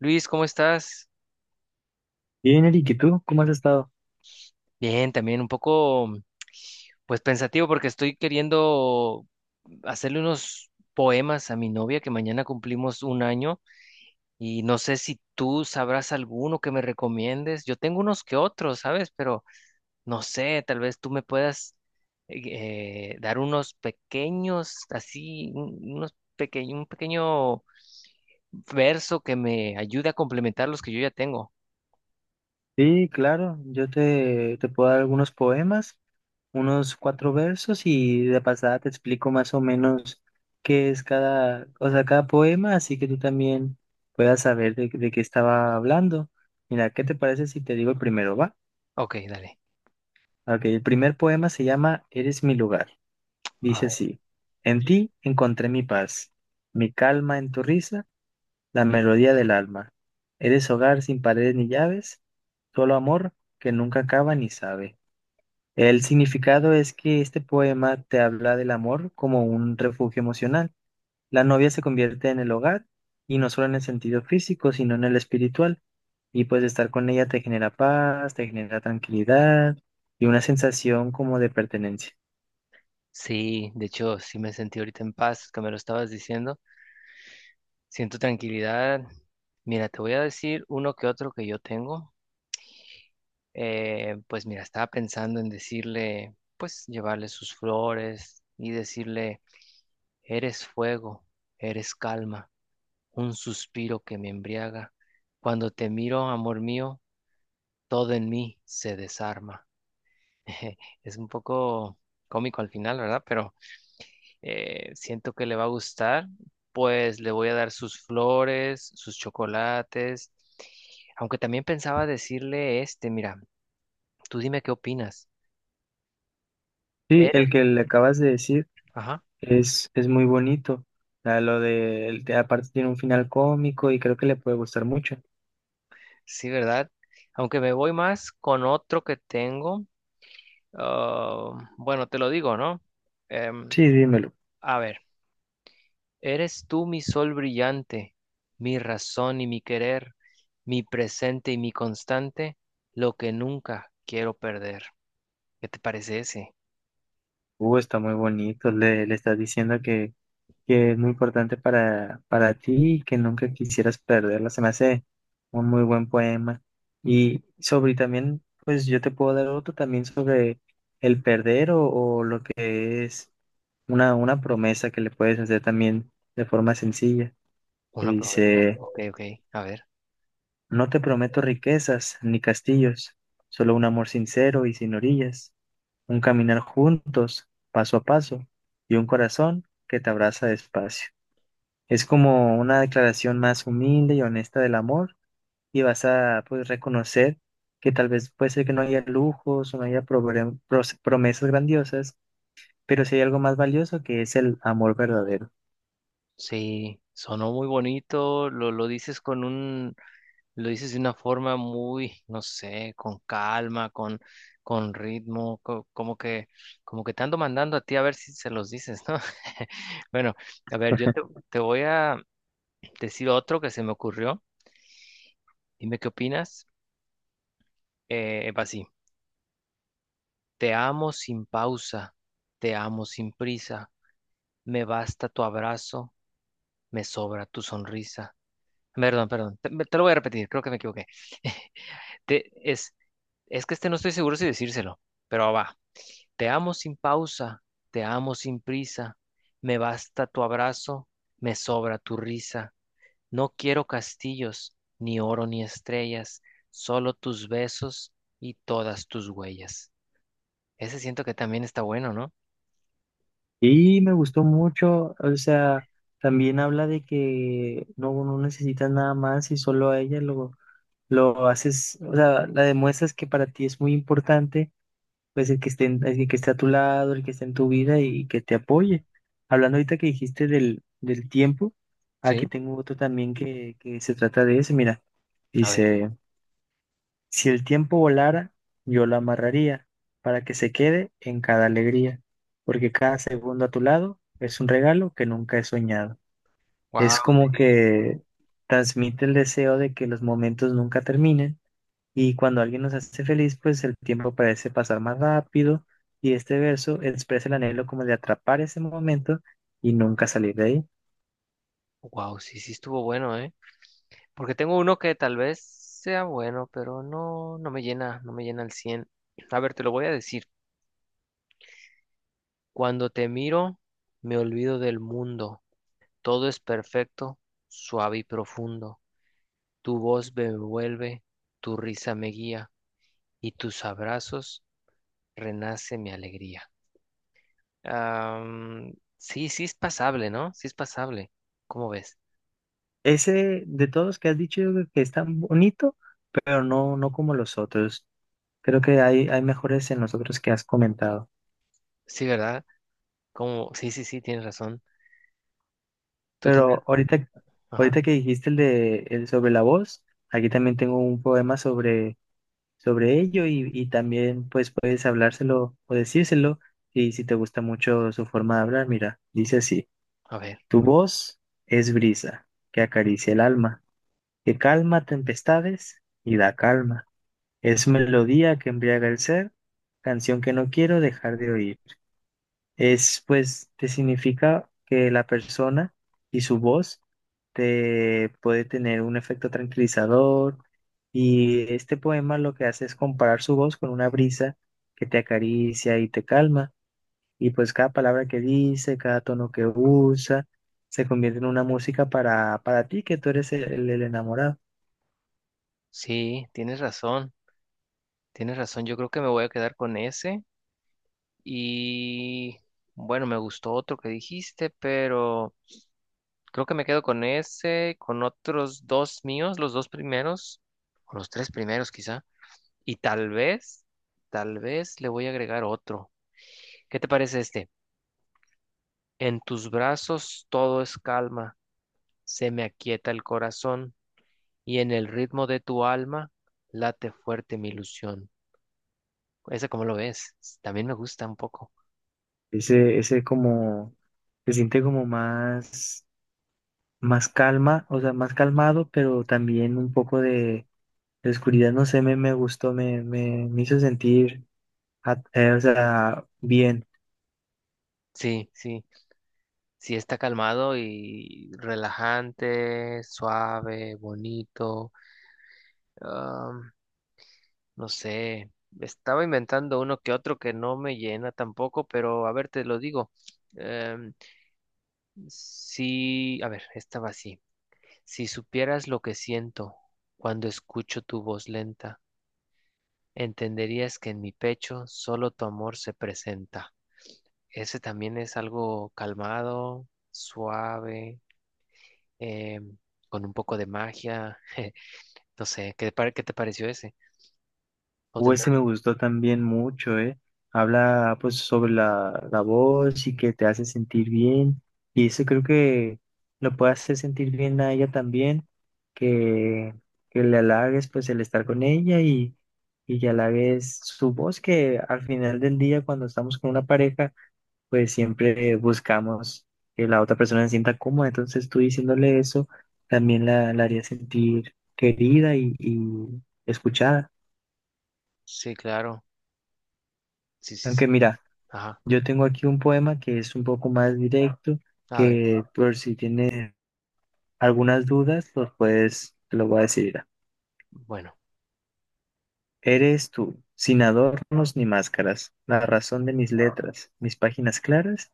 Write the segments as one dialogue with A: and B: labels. A: Luis, ¿cómo estás?
B: Bien, Eric, ¿y tú cómo has estado?
A: Bien, también un poco, pues pensativo porque estoy queriendo hacerle unos poemas a mi novia que mañana cumplimos 1 año y no sé si tú sabrás alguno que me recomiendes. Yo tengo unos que otros, ¿sabes? Pero no sé, tal vez tú me puedas dar unos pequeños, así, unos pequeño, un pequeño verso que me ayude a complementar los que yo ya tengo.
B: Sí, claro, yo te puedo dar algunos poemas, unos cuatro versos y de pasada te explico más o menos qué es cada, o sea, cada poema, así que tú también puedas saber de qué estaba hablando. Mira, ¿qué te parece si te digo el primero, va?
A: Ok, dale.
B: Ok, el primer poema se llama Eres mi lugar. Dice así, en ti encontré mi paz, mi calma en tu risa la melodía del alma. Eres hogar sin paredes ni llaves, solo amor que nunca acaba ni sabe. El significado es que este poema te habla del amor como un refugio emocional. La novia se convierte en el hogar y no solo en el sentido físico, sino en el espiritual. Y pues estar con ella te genera paz, te genera tranquilidad y una sensación como de pertenencia.
A: Sí, de hecho, sí me sentí ahorita en paz, que me lo estabas diciendo. Siento tranquilidad. Mira, te voy a decir uno que otro que yo tengo. Pues mira, estaba pensando en decirle, pues llevarle sus flores y decirle, eres fuego, eres calma, un suspiro que me embriaga. Cuando te miro, amor mío, todo en mí se desarma. Es un poco cómico al final, ¿verdad? Pero siento que le va a gustar, pues le voy a dar sus flores, sus chocolates, aunque también pensaba decirle este, mira, tú dime qué opinas.
B: Sí,
A: ¿Eres?
B: el que le acabas de decir.
A: Ajá,
B: Es muy bonito. Ah, lo de, el- aparte tiene un final cómico y creo que le puede gustar mucho.
A: sí, ¿verdad? Aunque me voy más con otro que tengo, ah, bueno, te lo digo, ¿no? Em,
B: Sí, dímelo.
A: a ver, eres tú mi sol brillante, mi razón y mi querer, mi presente y mi constante, lo que nunca quiero perder. ¿Qué te parece ese?
B: Está muy bonito. Le estás diciendo que es muy importante para ti y que nunca quisieras perderla. Se me hace un muy buen poema. Y sobre también, pues yo te puedo dar otro también sobre el perder o lo que es una promesa que le puedes hacer también de forma sencilla. Que
A: Una promesa.
B: dice.
A: Ok, ok. A ver.
B: No te prometo riquezas ni castillos, solo un amor sincero y sin orillas, un caminar juntos, paso a paso, y un corazón que te abraza despacio. Es como una declaración más humilde y honesta del amor y vas a pues, reconocer que tal vez puede ser que no haya lujos o no haya promesas grandiosas, pero sí hay algo más valioso que es el amor verdadero.
A: Sí, sonó muy bonito. Lo dices con un, lo dices de una forma muy, no sé, con calma, con ritmo, como que te ando mandando a ti a ver si se los dices, ¿no? Bueno, a ver, te voy a decir otro que se me ocurrió. Dime qué opinas. Va así. Te amo sin pausa, te amo sin prisa. Me basta tu abrazo, me sobra tu sonrisa. Perdón, perdón. Te lo voy a repetir, creo que me equivoqué. Te- es, es que este no estoy seguro si decírselo, pero va. Te amo sin pausa, te amo sin prisa. Me basta tu abrazo, me sobra tu risa. No quiero castillos, ni oro ni estrellas, solo tus besos y todas tus huellas. Ese siento que también está bueno, ¿no?
B: Y me gustó mucho, o sea, también habla de que no, no necesitas nada más y solo a ella lo haces, o sea, la demuestras que para ti es muy importante, pues el que esté, en- el que esté a tu lado, el que esté en tu vida y que te apoye. Hablando ahorita que dijiste del tiempo, aquí
A: Sí.
B: tengo otro también que se trata de eso, mira,
A: A ver.
B: dice... Si el tiempo volara, yo lo amarraría para que se quede en cada alegría, porque cada segundo a tu lado es un regalo que nunca he soñado.
A: Wow,
B: Es como
A: sí.
B: que transmite el deseo de que los momentos nunca terminen y cuando alguien nos hace feliz, pues el tiempo parece pasar más rápido y este verso expresa el anhelo como de atrapar ese momento y nunca salir de ahí.
A: Wow, sí, sí estuvo bueno, ¿eh? Porque tengo uno que tal vez sea bueno, pero no, no me llena, no me llena al 100. A ver, te lo voy a decir. Cuando te miro, me olvido del mundo. Todo es perfecto, suave y profundo. Tu voz me envuelve, tu risa me guía y tus abrazos renace mi alegría. Am, sí, sí es pasable, ¿no? Sí es pasable. ¿Cómo ves?
B: Ese de todos que has dicho yo creo que es tan bonito, pero no, no como los otros. Creo que hay mejores en los otros que has comentado.
A: Sí, ¿verdad? Como, sí, sí, sí, tienes razón. Tú tendrás...
B: Pero ahorita,
A: Ajá,
B: ahorita que dijiste el de el sobre la voz, aquí también tengo un poema sobre, sobre ello y también pues puedes hablárselo o decírselo y si te gusta mucho su forma de hablar, mira, dice así,
A: a ver.
B: tu voz es brisa que acaricia el alma, que calma tempestades y da calma. Es melodía que embriaga el ser, canción que no quiero dejar de oír. Es pues te significa que la persona y su voz te puede tener un efecto tranquilizador y este poema lo que hace es comparar su voz con una brisa que te acaricia y te calma y pues cada palabra que dice, cada tono que usa se convierte en una música para ti que tú eres el enamorado.
A: Sí, tienes razón. Tienes razón, yo creo que me voy a quedar con ese. Y bueno, me gustó otro que dijiste, pero creo que me quedo con ese, con otros dos míos, los dos primeros, o los tres primeros quizá. Y tal vez le voy a agregar otro. ¿Qué te parece este? En tus brazos todo es calma, se me aquieta el corazón y en el ritmo de tu alma late fuerte mi ilusión. ¿Ese cómo lo ves? También me gusta un poco.
B: Ese como se siente como más más calma, o sea, más calmado, pero también un poco de la oscuridad, no sé, me gustó, me hizo sentir, o sea, bien.
A: Sí, sí. Sí está calmado y relajante, suave, bonito. am, no sé, estaba inventando uno que otro que no me llena tampoco, pero a ver, te lo digo. Em, si, a ver, estaba así. Si supieras lo que siento cuando escucho tu voz lenta, entenderías que en mi pecho solo tu amor se presenta. Ese también es algo calmado, suave. eh, con un poco de magia. No sé, ¿ qué te pareció ese? ¿O tendrá?
B: Ese me gustó también mucho, ¿eh? Habla, pues, sobre la voz y que te hace sentir bien. Y eso creo que lo puede hacer sentir bien a ella también, que, que le halagues, pues, el estar con ella y que halagues su voz, que al final del día, cuando estamos con una pareja, pues siempre buscamos que la otra persona se sienta cómoda. Entonces tú diciéndole eso también la haría sentir querida y escuchada.
A: Sí, claro. Sí, sí,
B: Aunque
A: sí.
B: mira,
A: Ajá.
B: yo tengo aquí un poema que es un poco más directo,
A: A ver.
B: que por si tienes algunas dudas, los puedes, te lo voy a decir. Mira.
A: Bueno.
B: Eres tú, sin adornos ni máscaras, la razón de mis letras, mis páginas claras.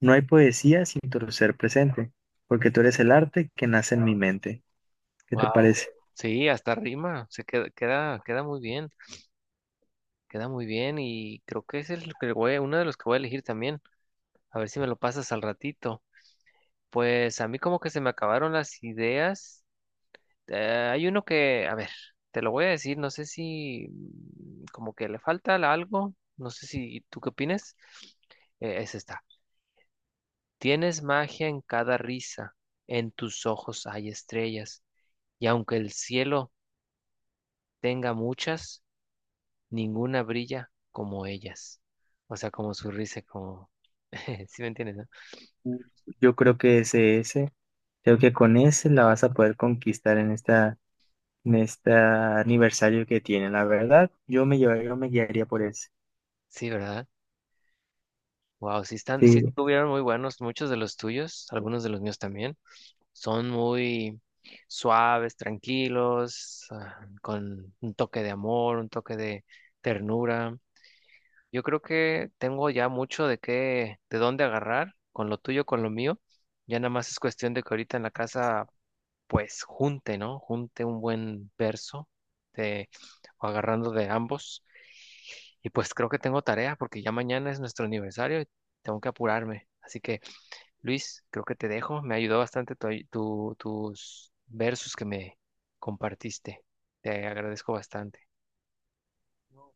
B: No hay poesía sin tu ser presente, porque tú eres el arte que nace en mi mente. ¿Qué te
A: Wow.
B: parece?
A: Sí, hasta rima. Se queda, queda, queda muy bien. Queda muy bien. Y creo que ese es el que voy, uno de los que voy a elegir también. A ver si me lo pasas al ratito. Pues a mí como que se me acabaron las ideas. Hay uno que, a ver, te lo voy a decir, no sé si como que le falta algo, no sé si tú qué opinas. Es esta. Tienes magia en cada risa, en tus ojos hay estrellas, y aunque el cielo tenga muchas, ninguna brilla como ellas. O sea, como su risa, como... ¿Sí me entiendes, no?
B: Yo creo que es ese. Creo que con ese la vas a poder conquistar en esta, en este aniversario que tiene. La verdad, yo me llevaría, yo me guiaría por ese.
A: Sí, ¿verdad? Wow, sí están, sí
B: Sí,
A: estuvieron muy buenos, muchos de los tuyos, algunos de los míos también. Son muy suaves, tranquilos, ah, con un toque de amor, un toque de ternura. Yo creo que tengo ya mucho de qué, de dónde agarrar con lo tuyo, con lo mío. Ya nada más es cuestión de que ahorita en la casa, pues junte, ¿no? Junte un buen verso de, o agarrando de ambos. Y pues creo que tengo tarea porque ya mañana es nuestro aniversario y tengo que apurarme. Así que Luis, creo que te dejo. Me ayudó bastante tus versos que me compartiste. Te agradezco bastante.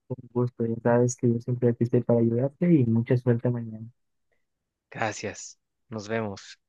B: con gusto. Ya sabes que yo siempre aquí estoy para ayudarte y mucha suerte mañana.
A: Gracias. Nos vemos.